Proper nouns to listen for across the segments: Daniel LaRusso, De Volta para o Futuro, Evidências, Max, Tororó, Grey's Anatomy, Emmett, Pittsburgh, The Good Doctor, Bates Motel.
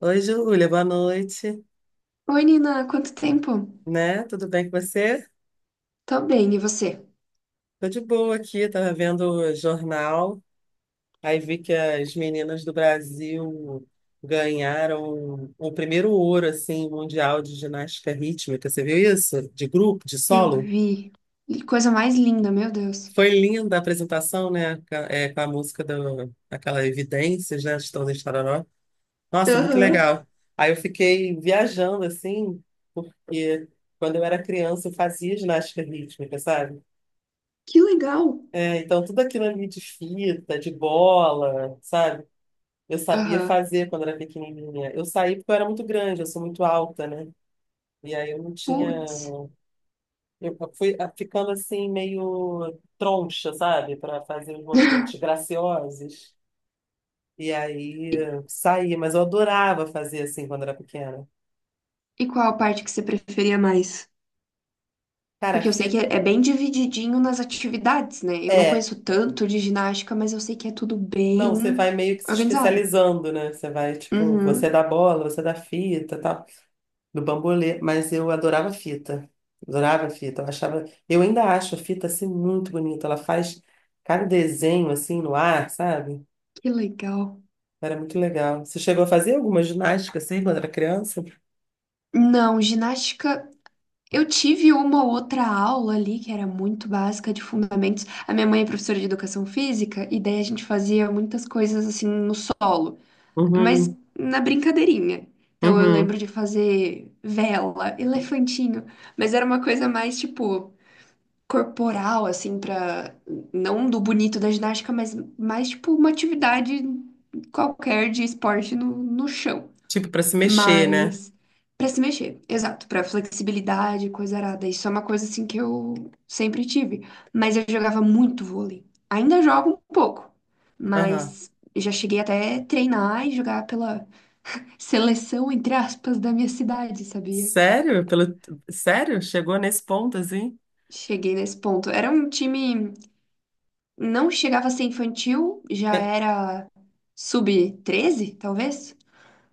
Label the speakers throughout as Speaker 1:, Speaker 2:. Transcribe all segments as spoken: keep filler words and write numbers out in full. Speaker 1: Oi, Júlia, boa noite,
Speaker 2: Oi, Nina, quanto tempo?
Speaker 1: né? Tudo bem com você?
Speaker 2: Tô bem, e você?
Speaker 1: Tô de boa aqui, tava vendo o jornal, aí vi que as meninas do Brasil ganharam o primeiro ouro, assim, mundial de ginástica rítmica, você viu isso? De grupo, de
Speaker 2: Eu
Speaker 1: solo?
Speaker 2: vi. Que coisa mais linda, meu Deus.
Speaker 1: Foi linda a apresentação, né? Ca- é, com a música do, aquela Evidências, né? Estão de Tororó. Nossa, muito
Speaker 2: Aham,
Speaker 1: legal. Aí eu fiquei viajando, assim, porque quando eu era criança eu fazia ginástica rítmica, sabe?
Speaker 2: que legal.
Speaker 1: É, então, tudo aquilo ali de fita, de bola, sabe? Eu sabia
Speaker 2: Aham.
Speaker 1: fazer quando era pequenininha. Eu saí porque eu era muito grande, eu sou muito alta, né? E aí eu não tinha.
Speaker 2: Putz.
Speaker 1: Eu fui ah, ficando assim, meio troncha, sabe? Para fazer os movimentos graciosos. E aí
Speaker 2: E,
Speaker 1: eh, saí, mas eu adorava fazer assim quando era pequena.
Speaker 2: e qual a parte que você preferia mais?
Speaker 1: Cara, a
Speaker 2: Porque eu sei que
Speaker 1: fita.
Speaker 2: é, é bem divididinho nas atividades, né? Eu não
Speaker 1: É.
Speaker 2: conheço tanto de ginástica, mas eu sei que é tudo
Speaker 1: Não,
Speaker 2: bem
Speaker 1: você vai meio que se
Speaker 2: organizado.
Speaker 1: especializando, né? Você vai, tipo, você
Speaker 2: Uhum.
Speaker 1: dá bola, você dá fita, tal. Do bambolê, mas eu adorava fita. Adorava fita. Eu achava, eu ainda acho a fita assim muito bonita. Ela faz cada desenho assim no ar, sabe?
Speaker 2: Que legal.
Speaker 1: Era muito legal. Você chegou a fazer alguma ginástica assim quando era criança?
Speaker 2: Não, ginástica. Eu tive uma ou outra aula ali que era muito básica de fundamentos. A minha mãe é professora de educação física e daí a gente fazia muitas coisas assim no solo, mas
Speaker 1: Uhum,
Speaker 2: na brincadeirinha. Então eu lembro
Speaker 1: uhum.
Speaker 2: de fazer vela, elefantinho, mas era uma coisa mais tipo corporal assim para não do bonito da ginástica, mas mais tipo uma atividade qualquer de esporte no, no chão.
Speaker 1: Tipo para se mexer, né?
Speaker 2: Mas para se mexer, exato, para flexibilidade, coisa arada. Isso é uma coisa assim que eu sempre tive. Mas eu jogava muito vôlei. Ainda jogo um pouco,
Speaker 1: Aham.
Speaker 2: mas já cheguei até treinar e jogar pela seleção, entre aspas, da minha cidade, sabia?
Speaker 1: Sério? Pelo... Sério? Chegou nesse ponto assim?
Speaker 2: Cheguei nesse ponto. Era um time, não chegava a ser infantil, já
Speaker 1: É.
Speaker 2: era sub treze, talvez?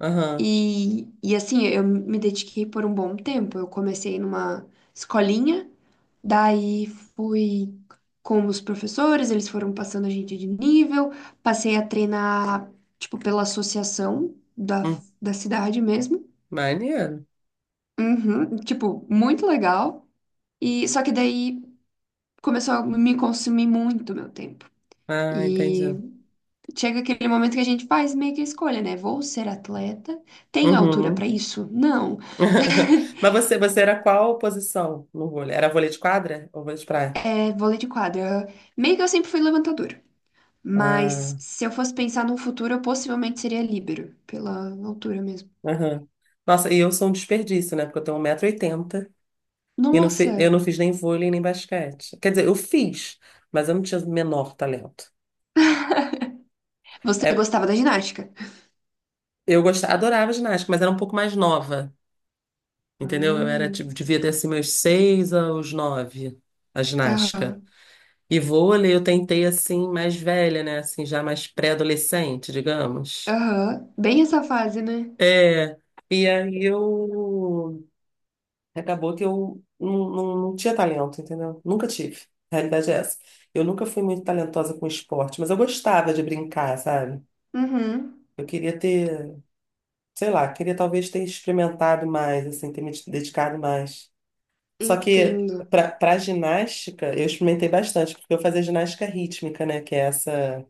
Speaker 1: Aham.
Speaker 2: E, e assim, eu me dediquei por um bom tempo. Eu comecei numa escolinha, daí fui com os professores, eles foram passando a gente de nível, passei a treinar, tipo, pela associação da,
Speaker 1: Hum,
Speaker 2: da cidade mesmo.
Speaker 1: maneiro.
Speaker 2: Uhum, tipo, muito legal. E só que daí começou a me consumir muito meu tempo.
Speaker 1: Ah,
Speaker 2: E
Speaker 1: entendi.
Speaker 2: chega aquele momento que a gente faz meio que a escolha, né? Vou ser atleta? Tenho altura para
Speaker 1: Uhum.
Speaker 2: isso? Não.
Speaker 1: Mas você, você era qual posição no vôlei? Era vôlei de quadra ou vôlei de praia?
Speaker 2: É, vôlei de quadra. Meio que eu sempre fui levantadora. Mas
Speaker 1: Ah,
Speaker 2: se eu fosse pensar num futuro, eu possivelmente seria líbero, pela altura mesmo.
Speaker 1: aham. Nossa, e eu sou um desperdício, né? Porque eu tenho um metro e oitenta e oitenta e não fi- eu
Speaker 2: Nossa!
Speaker 1: não fiz nem vôlei nem basquete. Quer dizer, eu fiz, mas eu não tinha o menor talento.
Speaker 2: Você
Speaker 1: É,
Speaker 2: gostava da ginástica?
Speaker 1: eu gostava, adorava ginástica, mas era um pouco mais nova, entendeu? Eu era, tipo,
Speaker 2: Hum.
Speaker 1: devia ter assim meus seis aos nove, a ginástica.
Speaker 2: Aham,
Speaker 1: E vôlei eu tentei assim, mais velha, né? Assim, já mais pré-adolescente, digamos.
Speaker 2: aham. Bem essa fase, né?
Speaker 1: É, e aí eu. Acabou que eu não, não, não tinha talento, entendeu? Nunca tive. A realidade é essa. Eu nunca fui muito talentosa com esporte, mas eu gostava de brincar, sabe?
Speaker 2: Uhum.
Speaker 1: Eu queria ter, sei lá, queria talvez ter experimentado mais, assim, ter me dedicado mais. Só que
Speaker 2: Entendo.
Speaker 1: pra, pra ginástica, eu experimentei bastante, porque eu fazia ginástica rítmica, né? Que é essa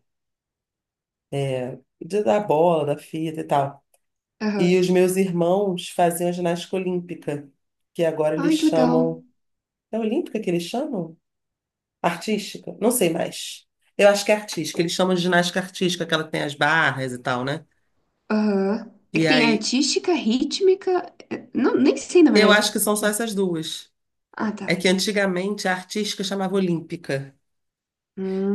Speaker 1: é, de- da bola, da fita e tal. E
Speaker 2: Aham.
Speaker 1: os meus irmãos faziam ginástica olímpica, que agora eles
Speaker 2: Ai, que legal.
Speaker 1: chamam. É olímpica que eles chamam? Artística? Não sei mais. Eu acho que é artística. Eles chamam de ginástica artística, aquela que tem as barras e tal, né?
Speaker 2: Aham. É
Speaker 1: E
Speaker 2: que tem
Speaker 1: aí,
Speaker 2: artística, rítmica. É, não, nem sei, na
Speaker 1: eu
Speaker 2: verdade.
Speaker 1: acho que são só essas duas.
Speaker 2: Ah, tá.
Speaker 1: É que antigamente a artística chamava olímpica.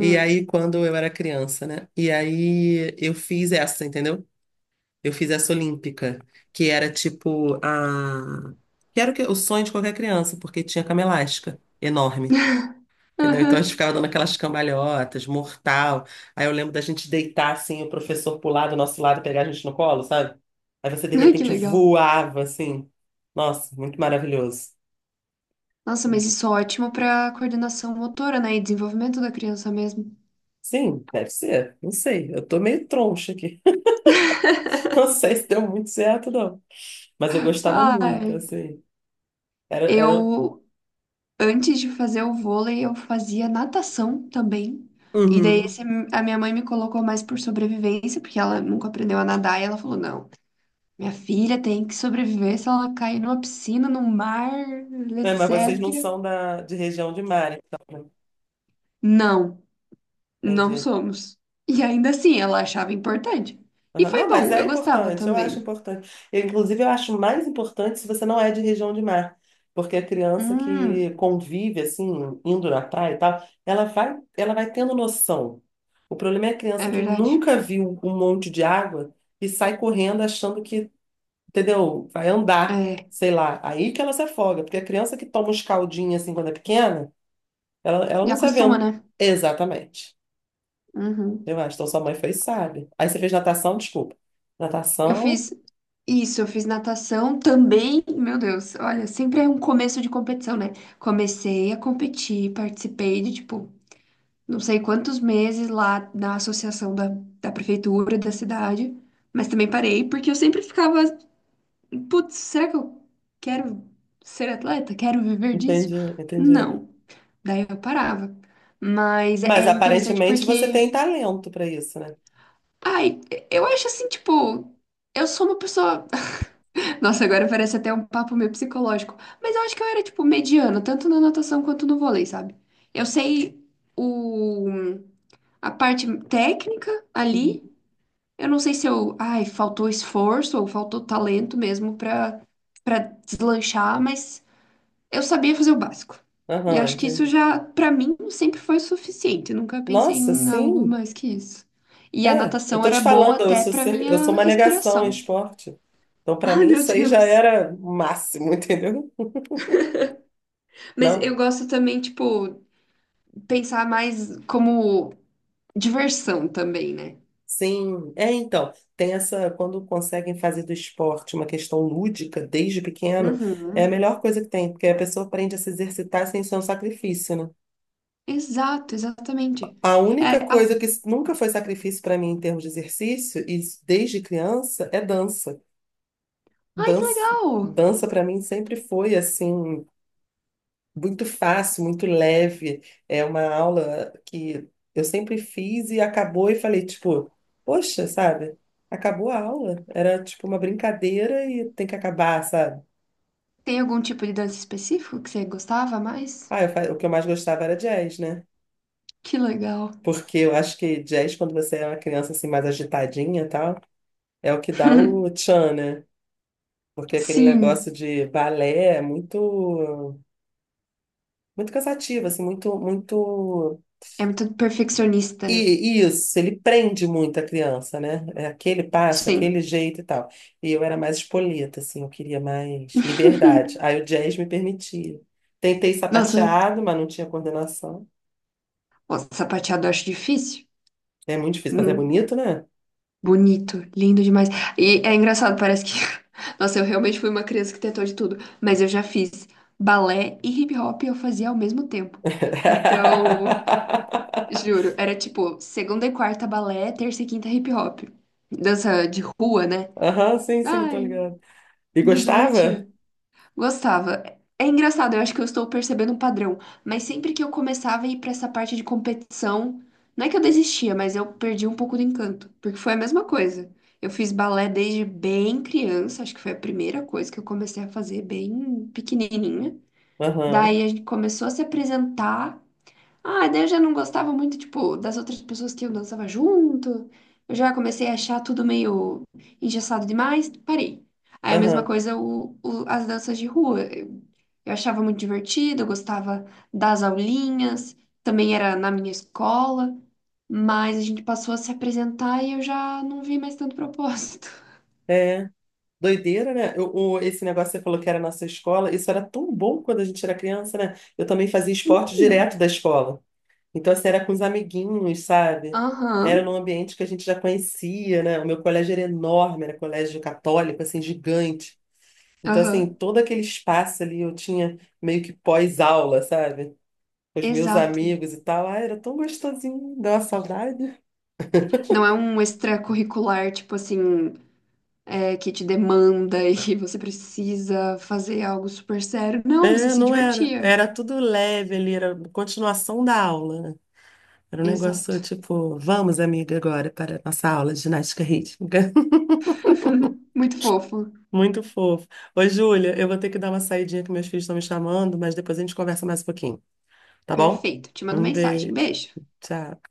Speaker 1: E aí, quando eu era criança, né? E aí, eu fiz essa, entendeu? Eu fiz essa olímpica, que era tipo a... Que era o, que... O sonho de qualquer criança, porque tinha cama elástica enorme. Entendeu? Então a gente
Speaker 2: Aham.
Speaker 1: ficava dando aquelas cambalhotas, mortal. Aí eu lembro da gente deitar assim, o professor pular do nosso lado, e pegar a gente no colo, sabe? Aí você de
Speaker 2: Ai, que
Speaker 1: repente
Speaker 2: legal.
Speaker 1: voava assim. Nossa, muito maravilhoso.
Speaker 2: Nossa, mas isso é ótimo para coordenação motora, né? E desenvolvimento da criança mesmo.
Speaker 1: Sim, deve ser. Não sei. Eu tô meio troncha aqui. Não sei se deu muito certo, não. Mas eu gostava muito,
Speaker 2: Ai,
Speaker 1: assim. Era, era...
Speaker 2: eu, antes de fazer o vôlei, eu fazia natação também.
Speaker 1: um,
Speaker 2: E daí
Speaker 1: Uhum.
Speaker 2: esse- a minha mãe me colocou mais por sobrevivência, porque ela nunca aprendeu a nadar. E ela falou: não, minha filha tem que sobreviver se ela cair numa piscina, no mar,
Speaker 1: É, mas vocês não
Speaker 2: etcétera.
Speaker 1: são da, de região de mar, então. Né?
Speaker 2: Não, não
Speaker 1: Entendi.
Speaker 2: somos. E ainda assim, ela achava importante. E
Speaker 1: Aham.
Speaker 2: foi
Speaker 1: Não, mas
Speaker 2: bom,
Speaker 1: é
Speaker 2: eu gostava
Speaker 1: importante, eu acho
Speaker 2: também.
Speaker 1: importante. Eu, inclusive, eu acho mais importante se você não é de região de mar, porque a criança que
Speaker 2: Hum,
Speaker 1: convive, assim, indo na praia e tal, ela vai, ela vai tendo noção. O problema é a
Speaker 2: é
Speaker 1: criança que
Speaker 2: verdade.
Speaker 1: nunca viu um monte de água e sai correndo achando que, entendeu, vai andar, sei lá. Aí que ela se afoga, porque a criança que toma uns caldinhos, assim, quando é pequena, ela, ela
Speaker 2: E
Speaker 1: não se
Speaker 2: acostuma,
Speaker 1: aventa.
Speaker 2: né?
Speaker 1: Exatamente.
Speaker 2: Uhum.
Speaker 1: Eu acho, então sua mãe fez, sabe. Aí você fez natação, desculpa.
Speaker 2: Eu
Speaker 1: Natação.
Speaker 2: fiz isso, eu fiz natação também. Meu Deus, olha, sempre é um começo de competição, né? Comecei a competir, participei de, tipo, não sei quantos meses lá na associação da, da, prefeitura da cidade, mas também parei, porque eu sempre ficava, putz, será que eu quero ser atleta? Quero viver disso?
Speaker 1: Entendi, entendi.
Speaker 2: Não. Daí eu parava. Mas é
Speaker 1: Mas
Speaker 2: é interessante
Speaker 1: aparentemente você
Speaker 2: porque,
Speaker 1: tem talento para isso, né?
Speaker 2: ai, eu acho assim, tipo, eu sou uma pessoa. Nossa, agora parece até um papo meio psicológico. Mas eu acho que eu era, tipo, mediana, tanto na natação quanto no vôlei, sabe? Eu sei o, a parte técnica
Speaker 1: Uhum.
Speaker 2: ali. Eu não sei se eu, ai, faltou esforço ou faltou talento mesmo pra, pra deslanchar, mas eu sabia fazer o básico. E
Speaker 1: Aham,
Speaker 2: acho que isso
Speaker 1: entendi.
Speaker 2: já, pra mim, sempre foi suficiente. Eu nunca pensei
Speaker 1: Nossa,
Speaker 2: em algo
Speaker 1: sim.
Speaker 2: mais que isso. E a
Speaker 1: É, eu
Speaker 2: natação
Speaker 1: tô te
Speaker 2: era boa
Speaker 1: falando, eu
Speaker 2: até
Speaker 1: sou,
Speaker 2: pra
Speaker 1: sempre- eu sou
Speaker 2: minha
Speaker 1: uma negação em
Speaker 2: respiração.
Speaker 1: esporte. Então, para
Speaker 2: Ai,
Speaker 1: mim,
Speaker 2: meu
Speaker 1: isso aí já
Speaker 2: Deus.
Speaker 1: era o máximo, entendeu?
Speaker 2: Mas
Speaker 1: Não?
Speaker 2: eu gosto também, tipo, pensar mais como diversão também, né?
Speaker 1: Sim. É, então, tem essa, quando conseguem fazer do esporte uma questão lúdica desde pequeno, é a
Speaker 2: Uhum.
Speaker 1: melhor coisa que tem, porque a pessoa aprende a se exercitar sem ser um sacrifício, né?
Speaker 2: Exato, exatamente.
Speaker 1: A
Speaker 2: É,
Speaker 1: única
Speaker 2: a-
Speaker 1: coisa que nunca foi sacrifício para mim em termos de exercício, e isso desde criança, é dança.
Speaker 2: Ai, que
Speaker 1: Dança,
Speaker 2: legal!
Speaker 1: dança para mim sempre foi assim muito fácil, muito leve. É uma aula que eu sempre fiz e acabou e falei tipo, poxa, sabe? Acabou a aula. Era tipo uma brincadeira e tem que acabar, sabe?
Speaker 2: Tem algum tipo de dança específico que você gostava mais?
Speaker 1: Ah, eu fa- o que eu mais gostava era jazz, né?
Speaker 2: Que legal.
Speaker 1: Porque eu acho que jazz, quando você é uma criança assim mais agitadinha e tal, é o que dá o tchan, né? Porque aquele negócio
Speaker 2: Sim,
Speaker 1: de balé é muito, muito cansativo, assim, muito, muito.
Speaker 2: é muito perfeccionista, né?
Speaker 1: E e isso, ele prende muito a criança, né? É aquele passo, aquele
Speaker 2: Sim.
Speaker 1: jeito e tal. E eu era mais espoleta, assim, eu queria mais liberdade. Aí o jazz me permitia. Tentei
Speaker 2: Nossa,
Speaker 1: sapateado, mas não tinha coordenação.
Speaker 2: o sapateado eu acho difícil.
Speaker 1: É muito difícil, mas é
Speaker 2: Hum.
Speaker 1: bonito, né?
Speaker 2: Bonito, lindo demais. E é engraçado, parece que. Nossa, eu realmente fui uma criança que tentou de tudo, mas eu já fiz balé e hip hop eu fazia ao mesmo tempo. Então, juro, era tipo segunda e quarta balé, terça e quinta hip hop. Dança de rua, né?
Speaker 1: Aham, sim, sim, tô
Speaker 2: Ai,
Speaker 1: ligado. E
Speaker 2: me
Speaker 1: gostava?
Speaker 2: divertia. Gostava. É engraçado, eu acho que eu estou percebendo um padrão, mas sempre que eu começava a ir para essa parte de competição, não é que eu desistia, mas eu perdi um pouco do encanto, porque foi a mesma coisa. Eu fiz balé desde bem criança, acho que foi a primeira coisa que eu comecei a fazer bem pequenininha.
Speaker 1: Aham,
Speaker 2: Daí a gente começou a se apresentar ah, daí eu já não gostava muito, tipo, das outras pessoas que eu dançava junto. Eu já comecei a achar tudo meio engessado demais, parei. Aí a mesma
Speaker 1: aham.
Speaker 2: coisa o, o- as danças de rua. Eu, eu achava muito divertido, eu gostava das aulinhas, também era na minha escola, mas a gente passou a se apresentar e eu já não vi mais tanto propósito.
Speaker 1: É. Doideira, né? Eu- o- esse negócio que você falou que era na sua escola, isso era tão bom quando a gente era criança, né? Eu também fazia esporte
Speaker 2: Hum,
Speaker 1: direto da escola. Então, assim, era com os amiguinhos, sabe?
Speaker 2: aham,
Speaker 1: Era num ambiente que a gente já conhecia, né? O meu colégio era enorme, era colégio católico, assim, gigante. Então, assim,
Speaker 2: aham,
Speaker 1: todo aquele espaço ali eu tinha meio que pós-aula, sabe? Com os meus
Speaker 2: exato.
Speaker 1: amigos e tal. Ah, era tão gostosinho, deu uma saudade.
Speaker 2: Não é um extracurricular, tipo assim. É, que te demanda e você precisa fazer algo super sério. Não, você
Speaker 1: É,
Speaker 2: se
Speaker 1: não era.
Speaker 2: divertia.
Speaker 1: Era tudo leve ali, era continuação da aula. Era um negócio
Speaker 2: Exato.
Speaker 1: tipo, vamos, amiga, agora para a nossa aula de ginástica rítmica.
Speaker 2: Muito fofo.
Speaker 1: Muito fofo. Oi, Júlia, eu vou ter que dar uma saidinha que meus filhos estão me chamando, mas depois a gente conversa mais um pouquinho, tá bom?
Speaker 2: Perfeito. Te mando
Speaker 1: Um
Speaker 2: mensagem.
Speaker 1: beijo.
Speaker 2: Beijo.
Speaker 1: Tchau.